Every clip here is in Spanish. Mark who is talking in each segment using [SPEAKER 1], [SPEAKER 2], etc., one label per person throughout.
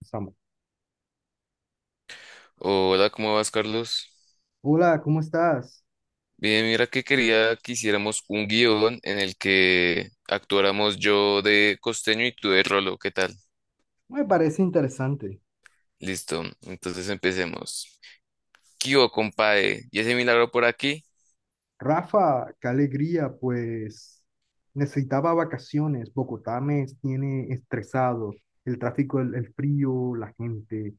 [SPEAKER 1] Estamos.
[SPEAKER 2] Hola, ¿cómo vas, Carlos?
[SPEAKER 1] Hola, ¿cómo estás?
[SPEAKER 2] Bien, mira que quería que hiciéramos un guión en el que actuáramos yo de costeño y tú de Rolo, ¿qué tal?
[SPEAKER 1] Me parece interesante.
[SPEAKER 2] Listo, entonces empecemos. Kio, compadre, ¿y ese milagro por aquí?
[SPEAKER 1] Rafa, qué alegría, pues necesitaba vacaciones. Bogotá me tiene estresado. El tráfico, el frío, la gente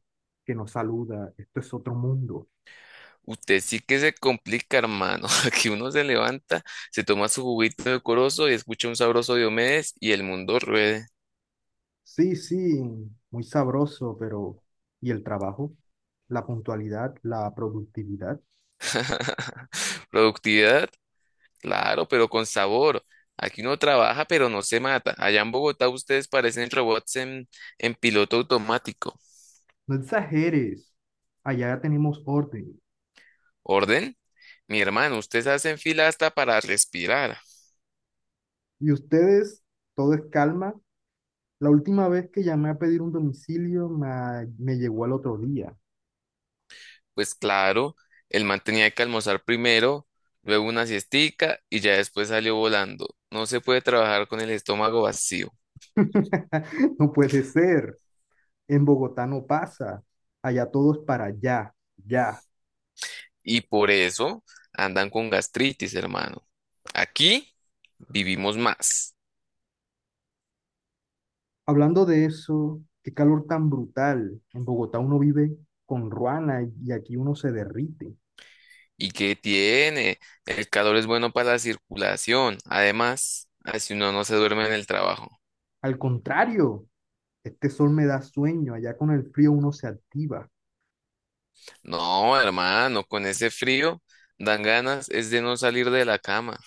[SPEAKER 1] que nos saluda. Esto es otro mundo.
[SPEAKER 2] Usted sí que se complica, hermano. Aquí uno se levanta, se toma su juguito de corozo y escucha un sabroso Diomedes y el mundo ruede.
[SPEAKER 1] Sí, sí, muy sabroso, pero ¿y el trabajo? La puntualidad, la productividad.
[SPEAKER 2] Productividad, claro, pero con sabor. Aquí uno trabaja, pero no se mata. Allá en Bogotá ustedes parecen robots en, piloto automático.
[SPEAKER 1] No exageres. Allá ya tenemos orden.
[SPEAKER 2] ¿Orden? Mi hermano, ustedes hacen fila hasta para respirar.
[SPEAKER 1] Y ustedes, todo es calma. La última vez que llamé a pedir un domicilio me llegó al otro día.
[SPEAKER 2] Pues claro, el man tenía que almorzar primero, luego una siestica y ya después salió volando. No se puede trabajar con el estómago vacío.
[SPEAKER 1] No puede ser. En Bogotá no pasa. Allá todos para allá, ya.
[SPEAKER 2] Y por eso andan con gastritis, hermano. Aquí vivimos más.
[SPEAKER 1] Hablando de eso, qué calor tan brutal. En Bogotá uno vive con ruana y aquí uno se derrite.
[SPEAKER 2] ¿Y qué tiene? El calor es bueno para la circulación. Además, así uno no se duerme en el trabajo.
[SPEAKER 1] Al contrario, este sol me da sueño. Allá con el frío uno se activa.
[SPEAKER 2] No, hermano, con ese frío dan ganas es de no salir de la cama.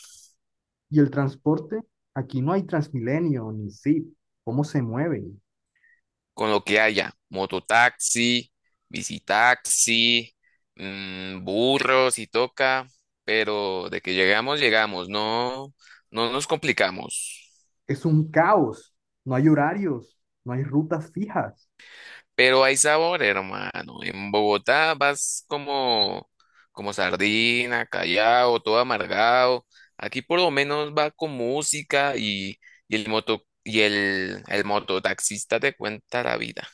[SPEAKER 1] Y el transporte, aquí no hay Transmilenio ni Zip. ¿Cómo se mueven?
[SPEAKER 2] Con lo que haya: mototaxi, bicitaxi, mm, burros si toca, pero de que llegamos, llegamos. No, no nos complicamos.
[SPEAKER 1] Es un caos, no hay horarios, no hay rutas fijas.
[SPEAKER 2] Pero hay sabor, hermano. En Bogotá vas como, sardina, callado, todo amargado. Aquí por lo menos va con música y, el moto y el, mototaxista te cuenta la vida.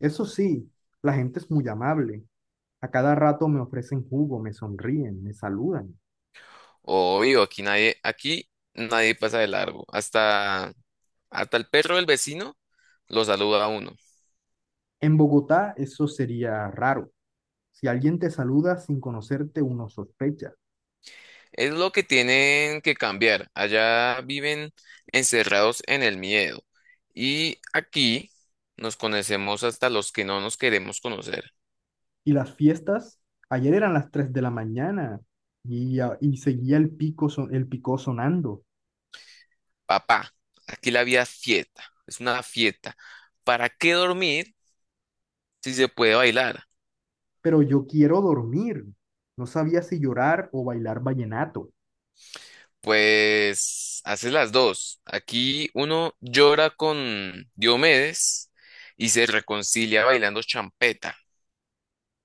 [SPEAKER 1] Eso sí, la gente es muy amable. A cada rato me ofrecen jugo, me sonríen, me saludan.
[SPEAKER 2] Obvio, aquí nadie pasa de largo. Hasta, el perro del vecino lo saluda a uno.
[SPEAKER 1] En Bogotá eso sería raro. Si alguien te saluda sin conocerte, uno sospecha.
[SPEAKER 2] Es lo que tienen que cambiar. Allá viven encerrados en el miedo. Y aquí nos conocemos hasta los que no nos queremos conocer.
[SPEAKER 1] Y las fiestas, ayer eran las 3 de la mañana y, y seguía el el picó sonando.
[SPEAKER 2] Papá, aquí la vida es fiesta. Es una fiesta. ¿Para qué dormir si se puede bailar?
[SPEAKER 1] Pero yo quiero dormir. No sabía si llorar o bailar vallenato.
[SPEAKER 2] Pues haces las dos. Aquí uno llora con Diomedes y se reconcilia bailando champeta.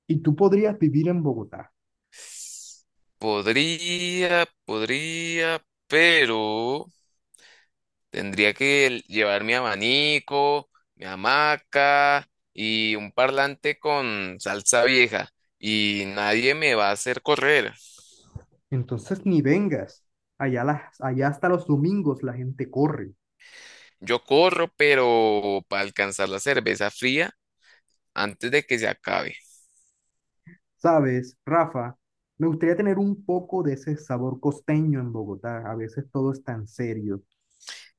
[SPEAKER 1] Y tú podrías vivir en Bogotá.
[SPEAKER 2] Podría, pero… tendría que llevar mi abanico, mi hamaca y un parlante con salsa vieja. Y nadie me va a hacer correr.
[SPEAKER 1] Entonces ni vengas. Allá, allá hasta los domingos la gente corre.
[SPEAKER 2] Yo corro, pero para alcanzar la cerveza fría antes de que se acabe.
[SPEAKER 1] ¿Sabes, Rafa? Me gustaría tener un poco de ese sabor costeño en Bogotá. A veces todo es tan serio.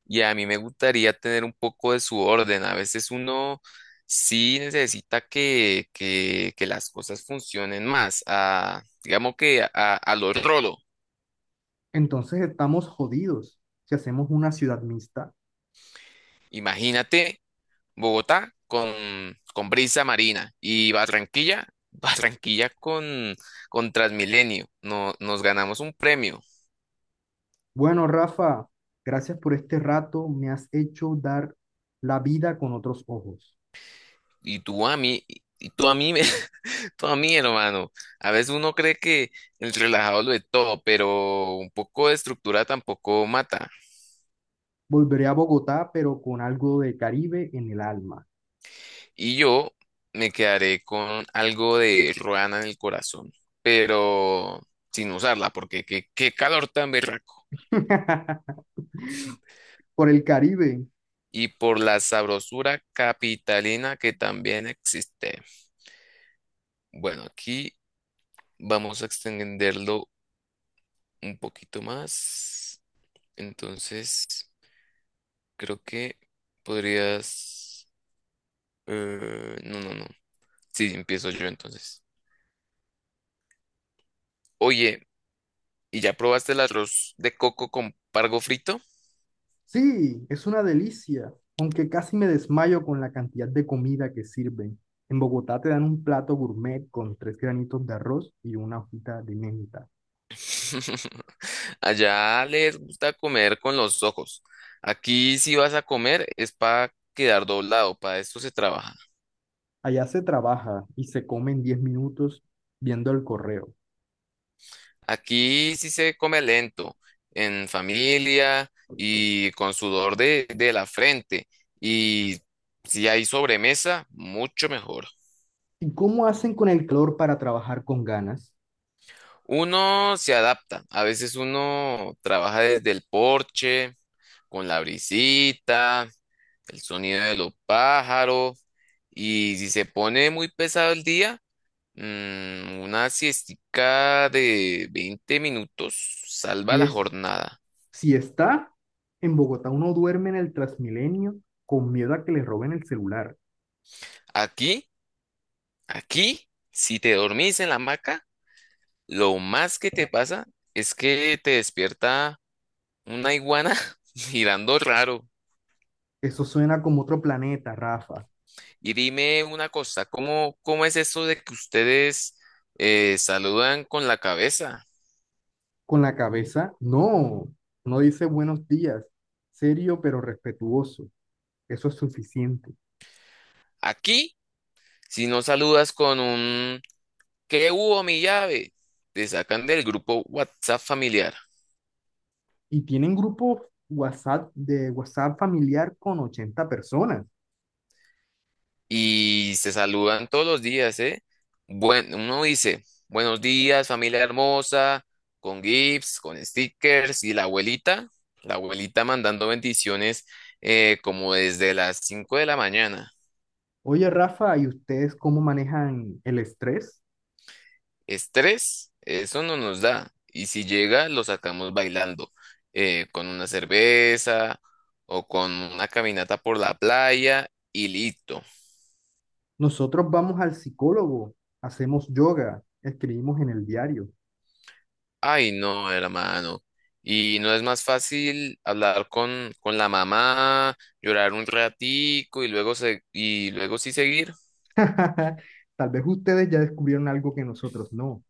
[SPEAKER 2] Y a mí me gustaría tener un poco de su orden. A veces uno sí necesita que las cosas funcionen más. Digamos que a lo rolo.
[SPEAKER 1] Entonces estamos jodidos si hacemos una ciudad mixta.
[SPEAKER 2] Imagínate. Bogotá con, Brisa Marina y Barranquilla, Barranquilla con, Transmilenio. No, nos ganamos un premio.
[SPEAKER 1] Bueno, Rafa, gracias por este rato. Me has hecho dar la vida con otros ojos.
[SPEAKER 2] Y tú a mí, y tú a mí, me- tú a mí, hermano. A veces uno cree que el relajado lo de todo, pero un poco de estructura tampoco mata.
[SPEAKER 1] Volveré a Bogotá, pero con algo de Caribe en el alma.
[SPEAKER 2] Y yo me quedaré con algo de ruana en el corazón, pero sin usarla, porque qué, calor tan berraco.
[SPEAKER 1] Por el Caribe.
[SPEAKER 2] Y por la sabrosura capitalina que también existe. Bueno, aquí vamos a extenderlo un poquito más. Entonces, creo que podrías… no, no, no. Sí, empiezo yo entonces. Oye, ¿y ya probaste el arroz de coco con pargo frito?
[SPEAKER 1] Sí, es una delicia, aunque casi me desmayo con la cantidad de comida que sirven. En Bogotá te dan un plato gourmet con tres granitos de arroz y una hojita de menta.
[SPEAKER 2] Allá les gusta comer con los ojos. Aquí si vas a comer es para quedar doblado, para esto se trabaja.
[SPEAKER 1] Allá se trabaja y se come en 10 minutos viendo el correo.
[SPEAKER 2] Aquí sí se come lento, en familia y con sudor de, la frente. Y si hay sobremesa, mucho mejor.
[SPEAKER 1] ¿Y cómo hacen con el calor para trabajar con ganas?
[SPEAKER 2] Uno se adapta. A veces uno trabaja desde el porche, con la brisita, el sonido de los pájaros. Y si se pone muy pesado el día, mm, una siestica de 20 minutos salva
[SPEAKER 1] Y
[SPEAKER 2] la
[SPEAKER 1] es,
[SPEAKER 2] jornada.
[SPEAKER 1] si está en Bogotá, uno duerme en el Transmilenio con miedo a que le roben el celular.
[SPEAKER 2] Aquí. Aquí, si te dormís en la hamaca, lo más que te pasa es que te despierta una iguana girando raro.
[SPEAKER 1] Eso suena como otro planeta, Rafa.
[SPEAKER 2] Y dime una cosa, ¿cómo, es eso de que ustedes saludan con la cabeza?
[SPEAKER 1] Con la cabeza, no, no dice buenos días, serio pero respetuoso, eso es suficiente.
[SPEAKER 2] Aquí, si no saludas con un «¿qué hubo, mi llave?», te sacan del grupo WhatsApp familiar.
[SPEAKER 1] Y tienen grupo WhatsApp de WhatsApp familiar con 80 personas.
[SPEAKER 2] Y se saludan todos los días, ¿eh? Bueno, uno dice: «Buenos días, familia hermosa», con gifs, con stickers, y la abuelita, mandando bendiciones como desde las 5 de la mañana.
[SPEAKER 1] Oye, Rafa, ¿y ustedes cómo manejan el estrés?
[SPEAKER 2] Estrés, eso no nos da. Y si llega, lo sacamos bailando, con una cerveza o con una caminata por la playa y listo.
[SPEAKER 1] Nosotros vamos al psicólogo, hacemos yoga, escribimos en el diario.
[SPEAKER 2] Ay, no, hermano. Y no es más fácil hablar con, la mamá, llorar un ratico y luego sí seguir.
[SPEAKER 1] Tal vez ustedes ya descubrieron algo que nosotros no.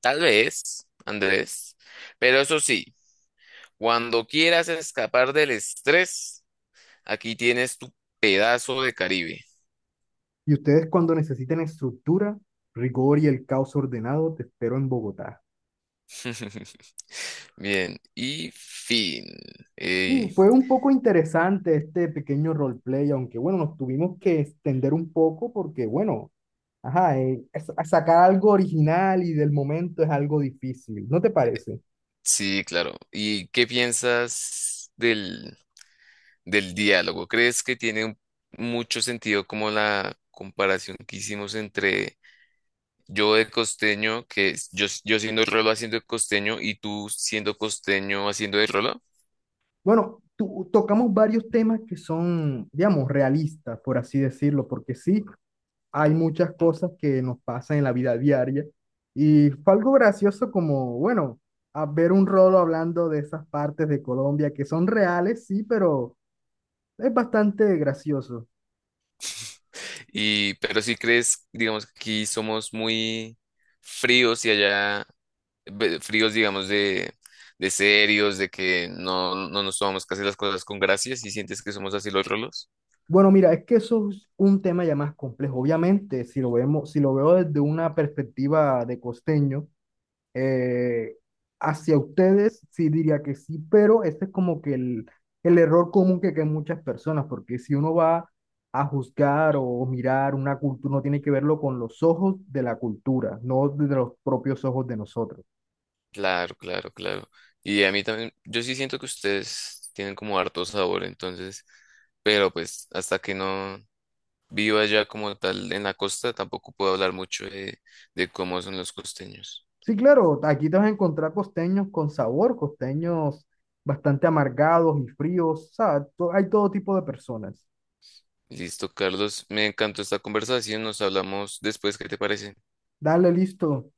[SPEAKER 2] Tal vez, Andrés. Pero eso sí, cuando quieras escapar del estrés, aquí tienes tu pedazo de Caribe.
[SPEAKER 1] Y ustedes cuando necesiten estructura, rigor y el caos ordenado, te espero en Bogotá.
[SPEAKER 2] Bien, y fin.
[SPEAKER 1] Sí,
[SPEAKER 2] Eh,
[SPEAKER 1] fue un poco interesante este pequeño roleplay, aunque bueno, nos tuvimos que extender un poco porque bueno, ajá, sacar algo original y del momento es algo difícil, ¿no te parece?
[SPEAKER 2] sí, claro. ¿Y qué piensas del, diálogo? ¿Crees que tiene mucho sentido, como la comparación que hicimos entre yo de costeño, yo siendo rolo haciendo de costeño y tú siendo costeño haciendo de rolo?
[SPEAKER 1] Bueno, tocamos varios temas que son, digamos, realistas, por así decirlo, porque sí, hay muchas cosas que nos pasan en la vida diaria y fue algo gracioso como, bueno, a ver un rolo hablando de esas partes de Colombia que son reales, sí, pero es bastante gracioso.
[SPEAKER 2] Y, pero si crees, digamos, que aquí somos muy fríos y allá fríos, digamos, de, serios, de que no, nos tomamos casi las cosas con gracias y sientes que somos así los rolos.
[SPEAKER 1] Bueno, mira, es que eso es un tema ya más complejo. Obviamente, si lo vemos, si lo veo desde una perspectiva de costeño, eh, hacia ustedes sí diría que sí, pero ese es como que el error común que hay muchas personas, porque si uno va a juzgar o mirar una cultura, uno tiene que verlo con los ojos de la cultura, no desde los propios ojos de nosotros.
[SPEAKER 2] Claro, claro, claro. Y a mí también, yo sí siento que ustedes tienen como harto sabor, entonces, pero pues hasta que no viva ya como tal en la costa, tampoco puedo hablar mucho de, cómo son los costeños.
[SPEAKER 1] Sí, claro, aquí te vas a encontrar costeños con sabor, costeños bastante amargados y fríos, o sea, hay todo tipo de personas.
[SPEAKER 2] Listo, Carlos, me encantó esta conversación, nos hablamos después, ¿qué te parece?
[SPEAKER 1] Dale, listo.